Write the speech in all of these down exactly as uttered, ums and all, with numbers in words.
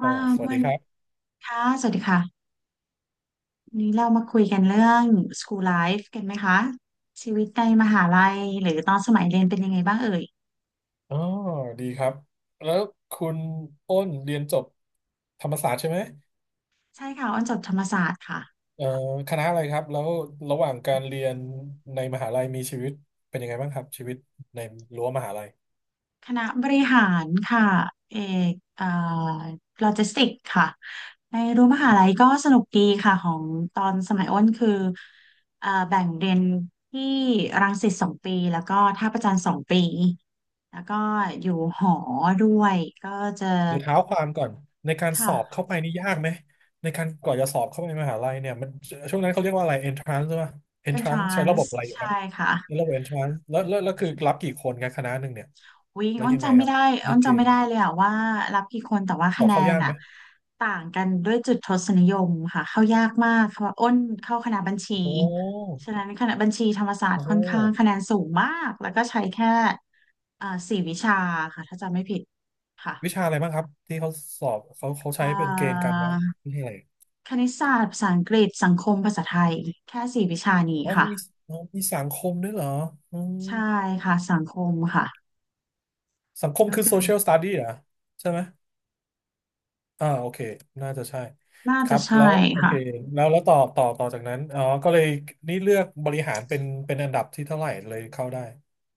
อ๋่าอสวัสวัดีนครับค่ะสวัสดีค่ะวันนี้เรามาคุยกันเรื่อง school life กันไหมคะชีวิตในมหาลัยหรือตอนสมัยเรียนเป็นยังไงบ้างเอ่ยอ๋อดีครับ แล้วคุณอ้นเรียนจบธรรมศาสตร์ใช่ไหมใช่ค่ะอ้อนจบธรรมศาสตร์ค่ะเอ่อคณะอะไรครับ แล้วระหว่างการเรียนในมหาลัยมีชีวิตเป็นยังไงบ้างครับชีวิตในรั้วมหาลัยคณะบริหารค่ะเอกเอ่อโลจิสติกค่ะในรั้วมหาลัยก็สนุกดีค่ะของตอนสมัยอ้นคือเอ่อแบ่งเรียนที่รังสิตสองปีแล้วก็ท่าประจันสองปีแล้วก็อยู่หอด้วยก็จะเดี๋ยวเท้าความก่อนในการสค่ะ อบเข้าไปนี่ยากไหมในการกว่าจะสอบเข้าไปมหาลัยเนี่ยมันช่วงนั้นเขาเรียกว่าอะไร entrance ใช่ไหม e n ท entrance ราใช้นระบบส์อะไรอยู่คใช่รับค่ะในระบบ entrance แล้วแล้วแล้วคือรับกี่คนกันคณะหนึ่งเนี่ยวิ่งแล้วอ้นยังไงจำคไม่รับได้มีอ้นเกจำไม่ณฑ์ได้เลยอะว่ารับกี่คนแต่ว่าสคะอบแนเข้านยากไหอะมต่างกันด้วยจุดทศนิยมค่ะเข้ายากมากเพราะว่าอ้นเข้าคณะบัญชีโอ้ฉะนั้นคณะบัญชีธรรมศาสตโอ้ ร์ค่อนข้างคะแนนสูงมากแล้วก็ใช้แค่เอ่อสี่วิชาค่ะถ้าจำไม่ผิดวิชาค่ะอะไรบ้างครับที่เขาสอบเขาเขาเอ่ใช้เป็นเกณฑ์กาอรวัดวิชยอะไรคณิตศาสตร์ภาษาอังกฤษสังคมภาษาไทยแค่สี่วิชานี้อ๋อค่ะมีอ๋อมีสังคมด้วยเหรออืมใช่ค่ะสังคมค่ะสังคมก็คือ คือ social study เหรอใช่ไหมอ่าโอเคน่าจะใช่น่าคจะรับใช่แล้วโอค่ะ เคแล้วแล้วต่อต่อต่อจากนั้นอ๋อก็เลยนี่เลือกบริหารเป็นเป็นอันดับที่เท่าไหร่เลยเข้าได้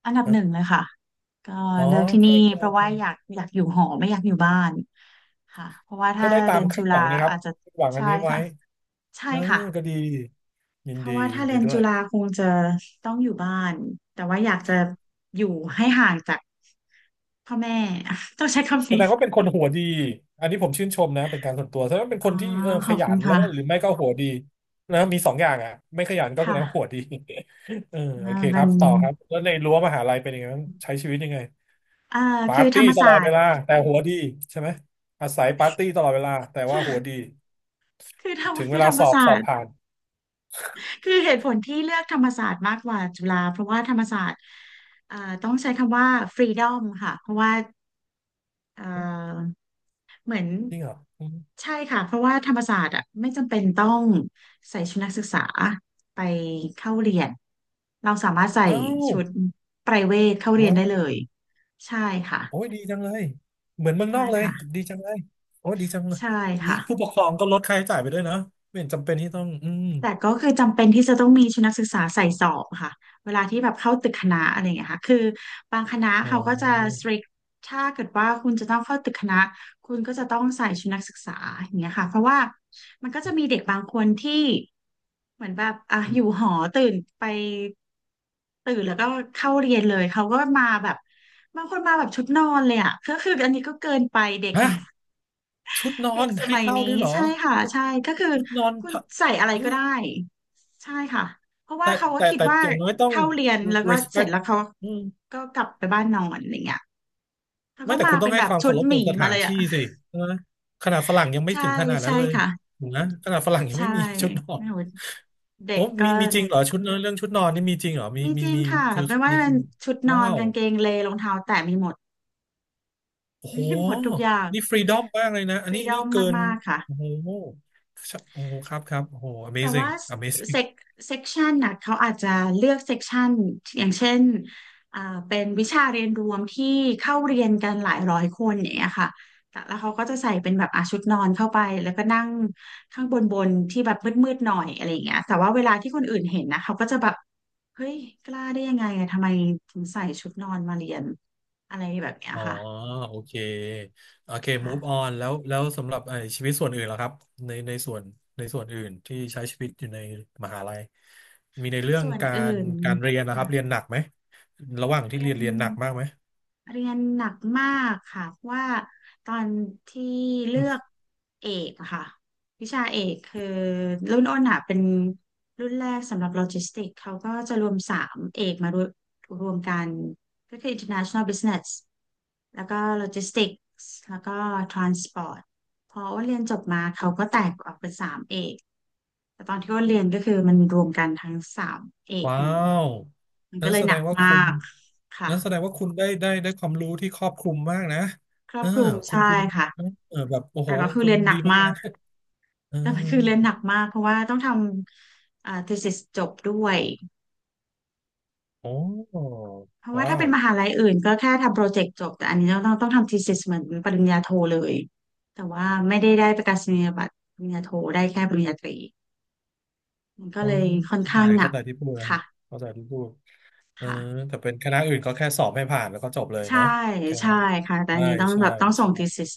อันดับนะหนึ่งเลยค่ะก็อ๋อเลือกที่นี่ก็ก็เพราะว่าก็อยากอยากอยู่หอไม่อยากอยู่บ้านค่ะเพราะว่าก็ถ้าได้ตาเรีมยนจุคาดหฬาวังนะครับอาจจะคาดหวังอัใช่นนี้ไว้ค่ะใช่เออค่ะก็ดียิเพนราะดีว่ายิถ้านเรีดียนด้วจุย ฬาคงจะต้องอยู่บ้านแต่ว่าอยากจะอยู่ให้ห่างจากพ่อแม่ ต้องใช้คำแสนี้ดงว่าเป็นคนหัวดีอันนี้ผมชื่นชมนะเป็นการส่วนตัวแสดงว่าเป็นอ๋อคนที่เออขขอบยัคุณนแล้วค่ะก็หรือไม่ก็หัวดีนะมีสองอย่างอ่ะไม่ขยันก็แสดค่ะงว่าหัวดี เออโอมัเคนคเป็รันบต่อครับแล้วในรั้วมหาลัยเป็นยังไงบ้างใช้ชีวิตยังไงอ่าปาคือร์ธรตี้รมตศาลอดสเวตร์ ลาแต่หัวดีใช่ไหมอาศัยปาร์ตี้ตลอดเวลาแต่ว่าหัวดี คือธรรมถึงเวคือลาธรรมสอบศาสอสตบร์ ผ่านคือเหตุผลที่เลือกธรรมศาสตร์มากกว่าจุฬาเพราะว่าธรรมศาสตร์เอ่อต้องใช้คำว่าฟรีดอมค่ะเพราะว่าเอ่หึอเหมือนจริงเหรออืมใช่ค่ะเพราะว่าธรรมศาสตร์อ่ะไม่จำเป็นต้องใส่ชุดนักศึกษาไปเข้าเรียนเราสามารถใส่อ้าวชุดไพรเวทเข้าเรีแล้ยนได้วเลยใช่ค่ะโอ้ยดีจังเลยเหมือนเมืองใช่นอกเลยค่ะดีจังเลยโอ้ยดีจังเลยใช่นี้ค่ะ ผู้ปกครองก็ลดค่าใช้จ่ายไปด้วยนะไม่เห็นจำเป็นที่ต้องอืม แต่ก็คือจำเป็นที่จะต้องมีชุดนักศึกษาใส่สอบค่ะเวลาที่แบบเข้าตึกคณะอะไรอย่างเงี้ยค่ะคือบางคณะอ๋อเขาก็จะ strict ถ้าเกิดว่าคุณจะต้องเข้าตึกคณะคุณก็จะต้องใส่ชุดนักศึกษาอย่างเงี้ยค่ะเพราะว่ามันก็จะมีเด็กบางคนที่เหมือนแบบอ่ะอยู่หอตื่นไปตื่นแล้วก็เข้าเรียนเลยเขาก็มาแบบบางคนมาแบบชุดนอนเลยอ่ะ ก็คืออันนี้ก็เกินไปเด็ก ฮะชุดนอเด็กนสให้มัยเข้าด้นี้วยเหรอใช่ค่ะชุดใช่ก็คือชุดนอนคุณทะใส่อะไรฮะก็ได้ใช่ค่ะเพราะว่าแต่เขาก็แต่คิดแต่ว่าอย่างน้อยต้อง เข้าเรียนแล้วก็เสร็จ respect แล้วเขาอืมก็กลับไปบ้านนอนอะไรเงี้ยเขาไม่ก็แต่มาคุณต้เป็องนให้แบคบวามชุเคาดรพหกัมีบสมาถาเลนยอ่ะที่สิใช่ไหมขนาดฝรั่งยังไม่ใช่ถึงขนาดนั้ใช่นเลยค่ะถูกนะขนาดฝรั่งยังใช่ไม่มีชุดนอไม่นรู้เด็โอ้กก็มีมีจริงเหรอชุดนอนเรื่องชุดนอนนี่มีจริงเหรอมีมีมีจริงมีค่ะคือไม่ว่ามีจะเป็นชุดนอว้านวกางเกงเลรองเท้าแตะมีหมด โอ้ โหมีหมดทุกอย่างนี่ฟรีดอมมากเลยนะฟอันรีนี้ดอนี่มเกินมากๆค่ะ โอ้โหโอ้โหครับครับโอ้โห แต่ amazing ว่าเซ amazing กเซกชันน่ะเขาอาจจะเลือกเซกชันอย่างเช่นอ่าเป็นวิชาเรียนรวมที่เข้าเรียนกันหลายร้อยคนอย่างเงี้ยค่ะแต่แล้วเขาก็จะใส่เป็นแบบอาชุดนอนเข้าไปแล้วก็นั่งข้างบนบนที่แบบมืดๆหน่อยอะไรอย่างเงี้ยแต่ว่าเวลาที่คนอื่นเห็นนะเขาก็จะแบบเฮ้ยกล้าได้ยังไงอะทำไมถึงใส่ชุดนอนมาเรียนอะไรแบบเนี้ยอ๋อค่ะโอเคโอเค ค่ะ move on แล้วแล้วสำหรับไอ้ชีวิตส่วนอื่นล่ะครับในในส่วนในส่วนอื่นที่ใช้ชีวิตอยู่ในมหาลัยมีในเรื่องส่วนกาอื่รนการเรียนนะครับเรียค่ะนหนักไหมระหว่างที่เรียเรียนน เรียนหนักมากไหมเรียนหนักมากค่ะเพราะว่าตอนที่เลือืมอกเอกอะค่ะวิชาเอกคือรุ่นอ้นอะเป็นรุ่นแรกสำหรับโลจิสติกเขาก็จะรวมสามเอกมารวมรวมกันก็คือ International Business แล้วก็ Logistics แล้วก็ Transport พออ้นเรียนจบมาเขาก็แตกออกเป็นสามเอกแต่ตอนที่อ้นเรียนก็คือมันรวมกันทั้งสามเอกว้านี้วมันนั้ก็นเลยแสหดนักงว่าคุณมากค่ะ นั้นแสดงว่าคุณได้ได้ได้ความรู้ที่ครอบคลุมมากนะครอเอบอคลุมคุณใช่คุณค่ะเออแบบโอ้โหแต่ก็คือคุณเรียนหนัดีกมากมากนะเออแต่มันคือเรียนหนักมากเพราะว่าต้องทำอ่า thesis จบด้วยโอ้เพราะว่าว้าถ้าเป็ว นมหาลัยอื่นก็แค่ทำโปรเจกต์จบแต่อันนี้เราต้องต้องทำ thesis เหมือนปริญญาโทเลยแต่ว่าไม่ได้ได้ประกาศนียบัตรปริญญาโทได้แค่ปริญญาตรีมันก็อ๋อเลยค่อนเข้าใจข้างหนัเข้ากใจที่พูดนะค่ะเข้าใจที่พูดเออค่ะแต่เป็นคณะอื่นก็แค่สอบให้ผ่านแล้วก็จบเลยใช่เนาะแค่ใช่นั้นค่ะแต่อัใช่นนี้ต้องใช่แบบต้องส่ง ใช่ thesis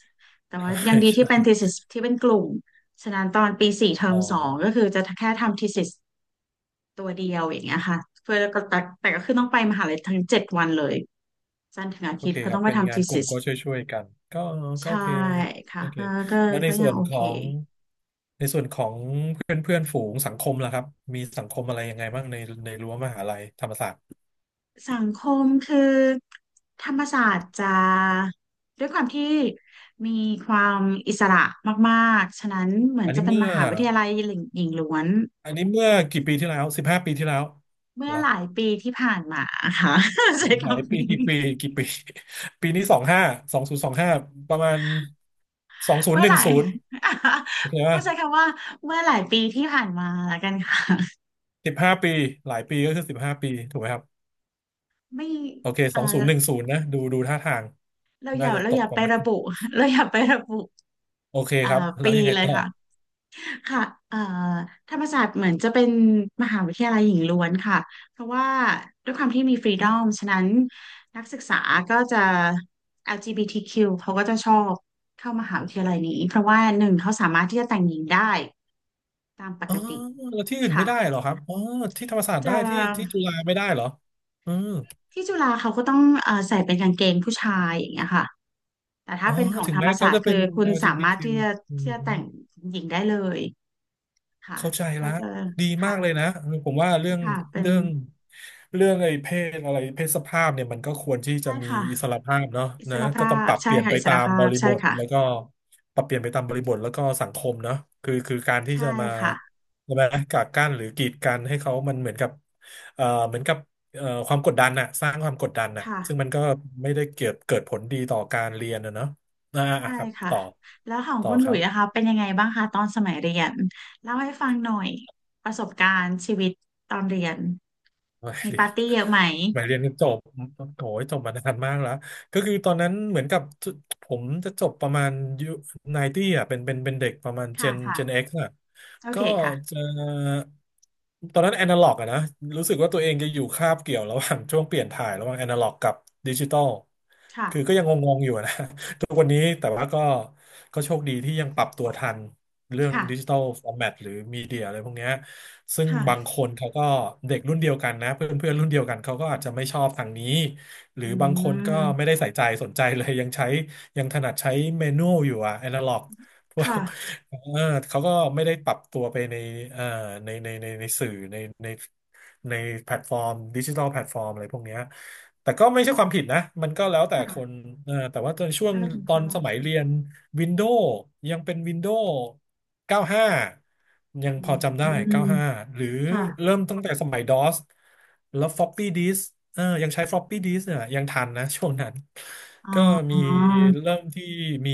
แต่ใช่ ว่ายัง ดีที่ใช่เป็น thesis ที่เป็นกลุ่มฉะนั้นตอนปีสี่เทออ๋มอสองก็คือจะแค่ทำ thesis ตัวเดียวอย่างเงี้ยค่ะเพื่อก็แต่แต่ก็คือต้องไปมหาลัยทั้งเจ็ดวันเลยจันทร์ถึงอาโอทิตเคย์เขาครัต้อบงไปเป็นทำ งานกลุ่ม thesis ก็ช่วยๆกันก็ก็ใช่โอเคค่ะโอเคก็ก็แล้วในก็ยัส่งวนโอขเคองในส่วนของเพื่อนเพื่อนฝูงสังคมล่ะครับมีสังคมอะไรยังไงบ้างในในรั้วมหาลัยธรรมศาสตร์สังคมคือธรรมศาสตร์จะด้วยความที่มีความอิสระมากๆฉะนั้นเหมือนอันจะนี้เป็นเมื่มอหาวิทยาลัยหญิงหล้วนอันนี้เมื่อกี่ปีที่แล้วสิบห้าปีที่แล้วเมื่เหอรอ หลายปีที่ผ่านมาค่ะ ใช้หลายคำปีนี้กี่ปีกี่ปี ปีนี้สองห้าสองศูนย์สองห้าประมาณสองศูนเมื่ย์อหหนึ่งลาย ศูนย์โอเค ต้ป่ะองใช้คำว่าเมื่อหลายปีที่ผ่านมาแล้วกันค่ะ สิบห้าปีหลายปีก็คือสิบห้าปีถูกไหมครับไม่โอเคสอ่าองศูนย์หนึ่งศูนย์นะดูดูท่าทางเราอน่าย่าจะเราตอกย่าปไประมาระณบุ เราอย่าไประบุโอเคอ่าครับแล้ปีวยังไงเลยต่อค่ะค่ะเอ่อธรรมศาสตร์เหมือนจะเป็นมหาวิทยาลัยหญิงล้วนค่ะ เพราะว่าด้วยความที่มีฟรีดอมฉะนั้นนักศึกษาก็จะ แอล จี บี ที คิว เขาก็จะชอบเข้ามหาวิทยาลัยนี้ เพราะว่าหนึ่งเขาสามารถที่จะแต่งหญิงได้ตามปอ๋กอติแล้วที่อื่นไม่ค่ะได้เหรอครับอ๋อที่ธรรมศาสตร์ได้จะที่ที่จุฬาไม่ได้เหรออืมที่จุฬาเขาก็ต้องเอ่อใส่เป็นกางเกงผู้ชายอย่างเงี้ยค่ะ แต่ถ้าอ๋อเป็นของถึงธรรแม้มเขาศาสตจะร์เป็คืน อคุณสามารถ แอล จี บี ที คิว ที่อลจีบีจะทีคิวอืที่จะแต่งม หญิงได้เลยค่ะเข้าใจก็ละจะดีมากเลยค่ะนะผมว่าเรื่อนี่งค่ะเป็นเรื่องเรื่องไอ้เพศอะไรเพศสภาพเนี่ยมันก็ควรที่จะใช่มีค่ะอิสรภาพเนาะอิสนะรก็ภาต้องปพรับเปใช่ลี่ยนค่ะไปอิสตารมภาบพริบใช่ทค่ะแล้วก็ปรับเปลี่ยนไปตามบริบทแล้วก็สังคมเนาะคือคือการที่ใช่จะมาค่ะใช่ไหมกักกั้นหรือกีดกันให้เขามันเหมือนกับเอ่อเหมือนกับเอ่อความกดดันน่ะสร้างความกดดันน่ะซึ่งค่ะมันก็ไม่ได้เกิดเกิดผลดีต่อการเรียนนะเนาะอ่าใช่อ่ะครับค่ะต่อแล้วของต่อคุณหคลุรัยบ ส์นะคะเป็นยังไงบ้างคะตอนสมัยเรียนเล่าให้ฟังหน่อยประสบการณ์ชีวิตตอนเรียนไม่มีเรียปาน ร์ตี้เยอะไหม หมายเรียนจบโอ้ยจบมานานมากแล้วก็คือตอนนั้นเหมือนกับผมจะจบประมาณยุไนตี้อ่ะเป็นเป็นเป็นเด็กประมาณเจค่ะนเจนค่ะเอ็กซ์อ่ะโอก็เคค่ะจะตอนนั้นแอนาล็อกอะนะรู้สึกว่าตัวเองจะอยู่คาบเกี่ยวระหว่าง ช่วงเปลี่ยนถ่ายระหว่างแอนาล็อกกับดิจิตอลค่ะคือก็ยังงงๆอยู่นะ ทุกวันนี้แต่ว่าก็ก็โชคดีที่ยังปรับตัวทันเรื่องดิจิค่ะตอลฟอร์แมตหรือมีเดียอะไรพวกเนี้ย ซึ่งบางคค่ะนเขาก็เด็กรุ่นเดียวกันนะเพื่อนเพื่อนรุ่นเดียวกันเขาก็อาจจะไม่ชอบทางนี้หรืออืบางคนก็ไม่มได้ใส่ใจสนใจเลยยังใช้ยังถนัดใช้เมนูอยู่อะแอนะล็อก พวก ค่ะ เออเขาก็ไม่ได้ปรับตัวไปในเอ่อในในในในสื่อในในในแพลตฟอร์มดิจิทัลแพลตฟอร์มอะไรพวกเนี้ยแต่ก็ไม่ใช่ความผิดนะ มันก็แล้วแต่คค่ะนเออแต่ว่าตอนช่วงน่าจะคุ้นตอนสมัยเคย เรียน Windows ยังเป็น Windows เก้าสิบห้า ยังอืพอจำได้มเก้าสิบห้าหาหรือค่ะเริ่มตั้งแต่สมัย ดอส แล้ว floppy disk เออยังใช้ floppy disk เนี่ยยังทันนะช่วงนั้น อ๋ก็อมีเริ่มที่มี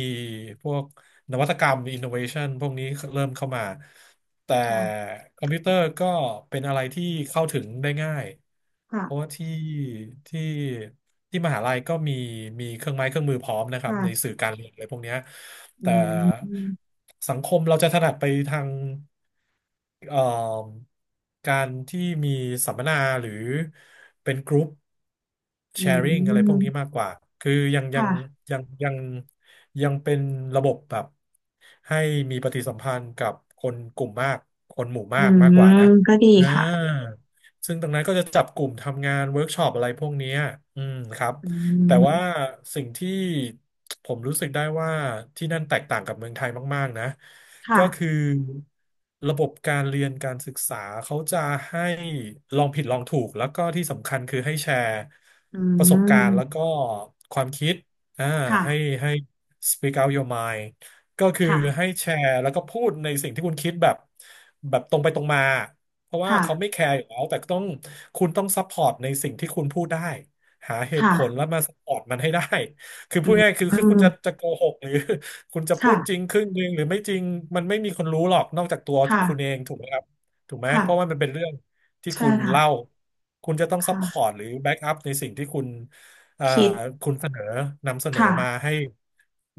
พวก นวัตกรรม innovation พวกนี้เริ่มเข้ามา แต่ค่ะคอมพิวเตอร์ก็เป็นอะไรที่เข้าถึงได้ง่าย ค่ะเพราะว่าที่ที่ที่มหาลัยก็มีมีเครื่องไม้เครื่องมือพร้อมนะครับในค่ะสื่อการเรียนอะไรพวกเนี้ยอืแต่มสังคมเราจะถนัดไปทางเอ่อการที่มีสัมมนาหรือเป็นกรุ๊ปอืแชร์ i ิ g งอะไรพวกนี้มมากกว่า คือยังยังค่ะยังยัง ยังเป็นระบบแบบให้มีปฏิสัมพันธ์กับคนกลุ่มมากคนหมู่อืมากมากกว่านะมก็ดีอ่ค่ะาซึ่งตรงนั้นก็จะจับกลุ่มทำงานเวิร์กช็อปอะไรพวกเนี้ยอืมครับอืแต่ว่ามสิ่งที่ผมรู้สึกได้ว่าที่นั่นแตกต่างกับเมืองไทยมากๆนะค่ะก็คือระบบการเรียนการศึกษาเขาจะให้ลองผิดลองถูกแล้วก็ที่สำคัญคือให้แชร์อืประสบการณ์แล้วมก็ความคิด อ่าค่ะให้ให้ speak out your mind ก็คือค่ะให้แชร์แล้วก็พูดในสิ่งที่คุณคิดแบบแบบตรงไปตรงมาเพราะว่าค่ะเขาไม่แคร์อยู่แล้วแต่ต้องคุณต้องซัพพอร์ตในสิ่งที่คุณพูดได้หาเหตุผลค่ะแล้วมาซัพพอร์ตมันให้ได้ คืออืพูดง่ายๆคือคือคุมณจะจะโกหกหรือ คุณจะพูดจริงค่ะครึ่งหนึ่งหรือไม่จริงมันไม่มีคนรู้หรอกนอกจากตัวค่ะคุณเองถูกไหมครับถูกไหมค่ะเพราะว่ามันเป็นเรื่องที่ใช่คุณค่ะเล่าคุณจะต้องซัพพอร์ตค่ะหรือแบ็กอัพในสิ่งที่คุณ เอ่อคิดคุณเสนอนำเสนอค่ะมาให้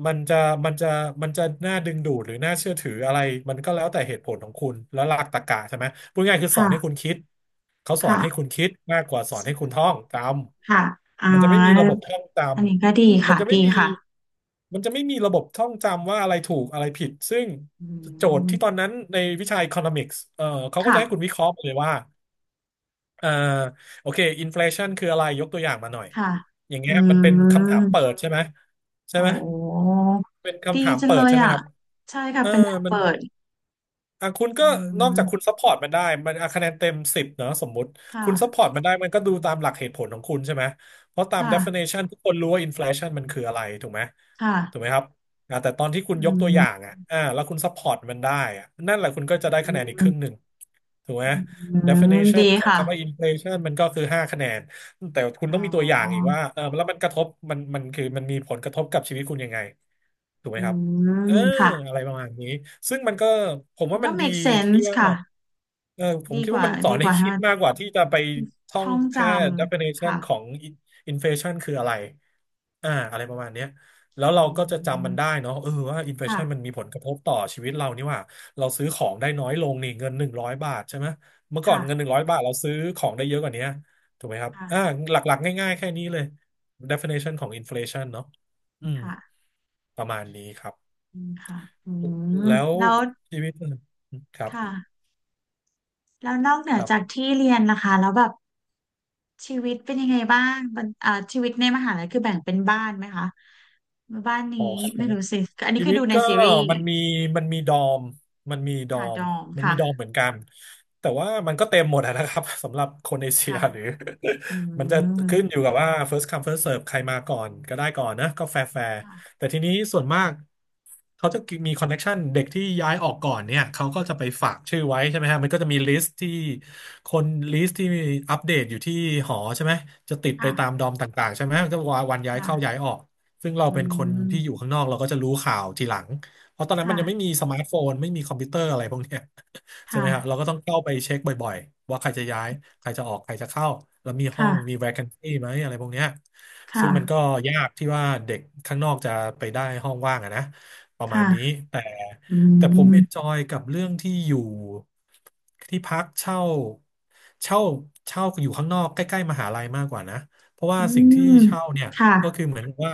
มันจะมันจะมันจะน่าดึงดูดหรือน่าเชื่อถืออะไรมันก็แล้วแต่เหตุผลของคุณแล้วหลักตรรกะใช่ไหมพูดง่ายๆคือสอนให้คุค่ะณคิดเขาสอนค่ะให้คุณคิดมากกว่าสอนให้คุณท่องจค่ะอ๋อำมันจะไม่มีระบบท่องจอันนี้ก็ำอืดีมมันค่ะจะไม่ดีมีค่ะมันจะไม่มีระบบท่องจำว่าอะไรถูกอะไรผิดซึ่งอืโจทย์ที่ตอนมนั้นในวิชา economics เอ่อเขาก็จะให้คุณค่ะวิเคราะห์ไปเลยว่า อ่าโอเคอินฟล t ชันคืออะไรยกตัวอย่างมาหน่อยค่ะอย่างอืเงี้ยมันเป็นคำถามเปิม ดใช่ไหมใช่โอไหม้เป็นดีคำถามจังเปิเลดยใช่ไหมอ่ะครับใช่ค่ะ เออเป็นแนวมัน เปิดอ่ะคุณก็อืนอกจากคุณมซัพพอร์ตมันได้มันอ่ะคะแนนเต็มสิบเนอะสมมุติคคุณซัพพอ่ะ ร์ตมันได้มันก็ดูตามหลักเหตุผลของคุณใช่ไหมเพราะตาม ค่ะ definition ทุกคนรู้ว่า inflation มันคืออะไรถูกไหมค่ะถูกไหมครับอ่ะแต่ตอนที่คุณยอืกตัวอย่างมอ่ะอ่าแล้วคุณซัพพอร์ตมันได้อ่ะนั่นแหละคุณก็จะได้อคะแนนอีกครึ่งหนึ่งถูกไหม ืม definition ดีของค่ะคำว่า inflation มันก็คือห้าคะแนนแต่คุณอ๋ต้องมีตัวอย่างอีกอว่าเออแล้วมันกระทบมันมันคือมันมีผลกระทบกับชีวิตคุณยังไงถูกไหมอืครับ ม เออค่ะอะไรประมาณนี้ซึ่งมันก็ผมมัว่านมัก็ นดี make ที่ sense ว่าค่ะ เออผมดีคิดกว่าว่า มันสอดีนกให้ว่าให้คิดมันมากกว่าที่จะไปท่องท่องจแค่ ำ definition ค่ะของ inflation คืออะไรอ่าอะไรประมาณเนี้ยแล้วอืเราก็จะจำมันได้มเนาะเออว่า ค่ะ inflation มันมีผลกระทบต่อชีวิตเรานี่หว่าเราซื้อของได้น้อยลงนี่เงินหนึ่งร้อยบาทใช่ไหมเมื่อก่อนค่ะ เงินหนึ่งร้อยบาทเราซื้อของได้เยอะกว่านี้ถูกไหมครับอ่าค่ะหลักๆง่ายๆแค่นี้เลย definition ของ inflation เนาะอืมค่ะประมาณนี้ครับ อืมค่ะ อืม แล้วแล้วชีวิตครับค่ะ แล้วนอกเหนือครัจากบที่เรียนนะคะแล้วแบบ ชีวิตเป็นยังไงบ้างมันอ่าชีวิตในมหาลัยคือแบ่งเป็นบ้านไหมคะบ้านนี้อ๋ไม่รู้อ สิอันนี้ชีคือวิตดูในก็ซีรีส์มันมีมันมีดอมมันมีดอค่ะดมองมันค่ะมีดอมเหมือนกันแต่ว่ามันก็เต็มหมดอะนะครับ สำหรับคนเอเชียค่ะหรือ อื มันจะขึ้นอมยู่กับว่า first come first serve ใครมาก่อนก็ได้ก่อนนะก็แฟร์แฟร์ค่ะแต่ทีนี้ส่วนมากเขาจะมีคอนเน c t ชันเด็กที่ย้ายออกก่อนเนี่ยเขาก็จะไปฝากชื่อไว้ใช่ไหมฮะมันก็จะมีลิสต์ที่คนลิสต์ที่มีอัปเดตอยู่ที่หอใช่ไหมจะติดไปตามดค่ะอมต่างๆใช่ไหมก็วันย้ายเข้าย้าค่ะยออก ซึ่งเราอืเป็นคนที่อยู่มข้างนอกเราก็จะรู้ข่าวทีหลังเพราะตอนนั้นมันยังไม่ค่ะมีสมาร์ทโฟนไม่มีคอมพิวเตอร์อะไรพวกเนี้ย ใช่ไหค่ะมฮะเราก็ต้องเข้าไปเช็คบ่อยๆว่าใครจะย้ายใครจะออกใครจะเข้าแล้วมีห้อค่ะงมี vacancy ไหมอะไรพวกเนี้ยคซึ่งมันก็่ะยากที่ว่าเด็กข้างนอกจะไปได้ห้องว่างอะนะประมาณนี้ค่ะแต่อืแต่ผมเอนจมอยกับเรื่องที่อยู่ที่พักเช่าเช่าเช่าอยู่ข้างนอกใกล้ๆมหาลัยมากกว่านะเพราะว่าอืสิ่งที่มเช่าเนี่ย ค่ะก็คือเหมือนว่า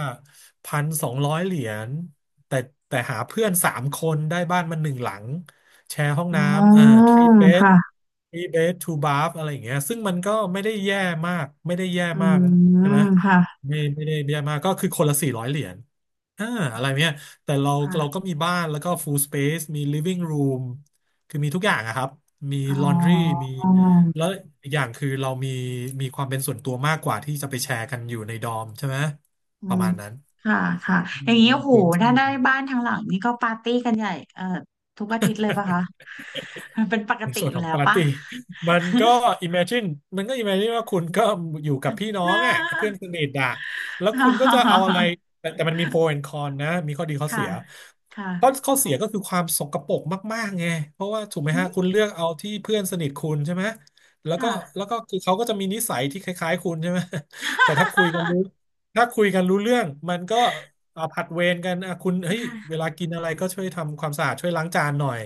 พันสองร้อยเหรียญแต่แต่หาเพื่อนสามคนได้บ้านมันหนึ่งหลังแชร์ห้องอ๋น้ำเอ่อ อ three bed ค่ะ three bed two bath อะไรอย่างเงี้ยซึ่งมันก็ไม่ได้แย่มากไม่ได้แย่อืมากมใช่ไหมค่ะไม่ไม่ได้แย่มากก็คือคนละสี่ร้อยเหรียญอ่าอะไรเนี้ยแต่เราเราก็ค่ะมีบ้านแล้วก็ full space มี living room คือมีทุกอย่างอะครับมี อ๋ laundry อ มี แล้วอีกอย่างคือเรามีมีความเป็นส่วนตัวมากกว่าที่จะไปแชร์กันอยู่ในดอมใช่ไหมอืประมมาณนั้นค่ะค่ะอมีย่างนี้โอ้มีโหเกณฑ์ถ้าชื่อ ได้บ้านทางหลังนี่ก็ปาร์ตี้กันใหญ่เอ่อทุกอาทิตย์เลยปะคะมันเป็นปกในติส่วนอยู่ของแล้วปาร์ปะ ตี้ มันก็ imagine มันก็ imagine ว่าคุณก็อยู่กับพี่น้องอ่ะเพื่อน สนิทอ่ะแล้วคุณก็จะเอาอะไรแต่แต่มันมี pro and con นะมีข้อดีข้อค่ะเสียค่ะข้อข้อเสียก็คือความสกปรกมากๆไงเพราะว่าถูกไหมอืฮะมคุณเลือกเอาที่เพื่อนสนิทคุณใช่ไหมแล้วก็ค่ะแล้วก็คือเขาก็จะมีนิสัยที่คล้ายๆคุณใช่ไหม แต่ถ้าคุยกันรู้ถ้าคุยกันรู้เรื่องมันก็เอาผัดเวรกันอ่ะคุณเฮ้ยเวลากินอะไรก็ช่วยทำความสะอาดช่วยล้างจานหน่อย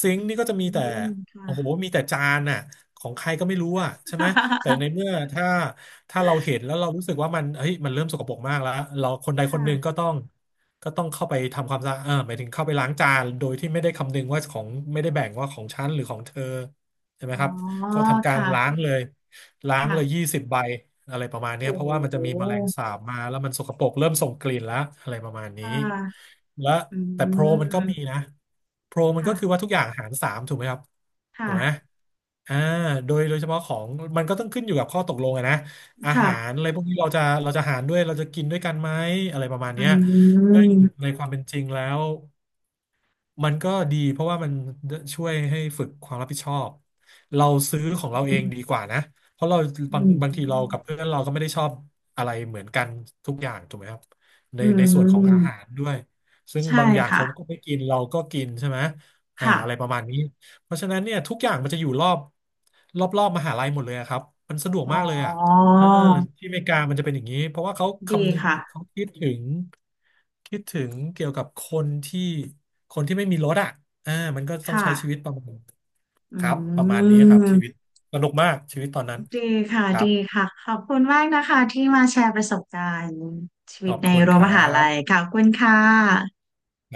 ซิงอืค์นี่ก็จะมีแต่มโอ้โหค่ะมีแต่จานน่ะของใครก็ไม่รู้อ่ะใช่ไหมแต่ในเมื่อถ้าถ้าเราเห็นแล้วเรารู้สึกว่ามันเฮ้ยมันเริ่มสกปรกมากแล้วเราคนใดคนหนึ่งก็ค่ะต้องก็ต้องเข้าไปทำความสะอาดเออหมายถึงเข้าไปล้างจานโดยที่ไม่ได้คำนึงว่าของไม่ได้แบ่งว่าของฉันหรือของเธอใช่ไหมอ๋อครับก็ทำการล้างค่ะเลย ล้างค่ะเลยยี่สิบใบอะไรประมาณเนี้ยโอ้เพโหราะว่ามันจะมีแมลงสาบมาแล้วมันสกปรกเริ่มส่งกลิ่นแล้วอะไรประมาณนี้ค่ะและอืแต่โปรมันก็มมีนะโปรมันก็ค่ะคือว่าทุกอย่างหารสามถูกไหมครับถูกไหมค่ะอ่าโดยโดยเฉพาะของมันก็ต้องขึ้นอยู่กับข้อตกลงอะนะอาหารค่ะอะไรพวกนี้เราจะเราจะหารด้วยเราจะกินด้วยกันไหมอะไรประมาณอืเนี้ยซึ่มงในความเป็นจริงแล้ว มันก็ดีเพราะว่ามันช่วยให้ฝึกความรับผิดชอบเราซื้อของเราอืเองดีมกว่านะเพราะเราบางบางทีเรากับเพื่อนเราก็ไม่ได้ชอบอะไรเหมือนกันทุกอย่างถูกไหมครับในอืมในส่วนขออืงม อาหารด้วยซึ่งใช่บางอย่างค่ะ เขาก็ไม่กินเราก็กินใช่ไหมอ่าค่ะอะไรประมาณนี้เพราะฉะนั้นเนี่ยทุกอย่างมันจะอยู่รอบรอบรอบมหาลัยหมดเลยอะครับมันสะดวกอ๋อมากเลยอ่ะ เออที่อเมริกามันจะเป็นอย่างนี้เพราะว่าเขาดีคำนึงค่ะ เขาคิดถึงคิดถึงเกี่ยวกับคนที่คนที่ไม่มีรถอ่ะอ่ามันก็ต้องค่ะ ใช้ชีวิตประมาณอืครับประมาณนี้ครับชีวิตม สนุกมากชีวิตตอนนั้นดีค่ะ ครัดีบค่ะ ขอบคุณมากนะคะที่มาแชร์ประสบการณ์ชีขวิตอบในคุณรั้ควมรัหาลับยค่ะขอบคุณค่ะ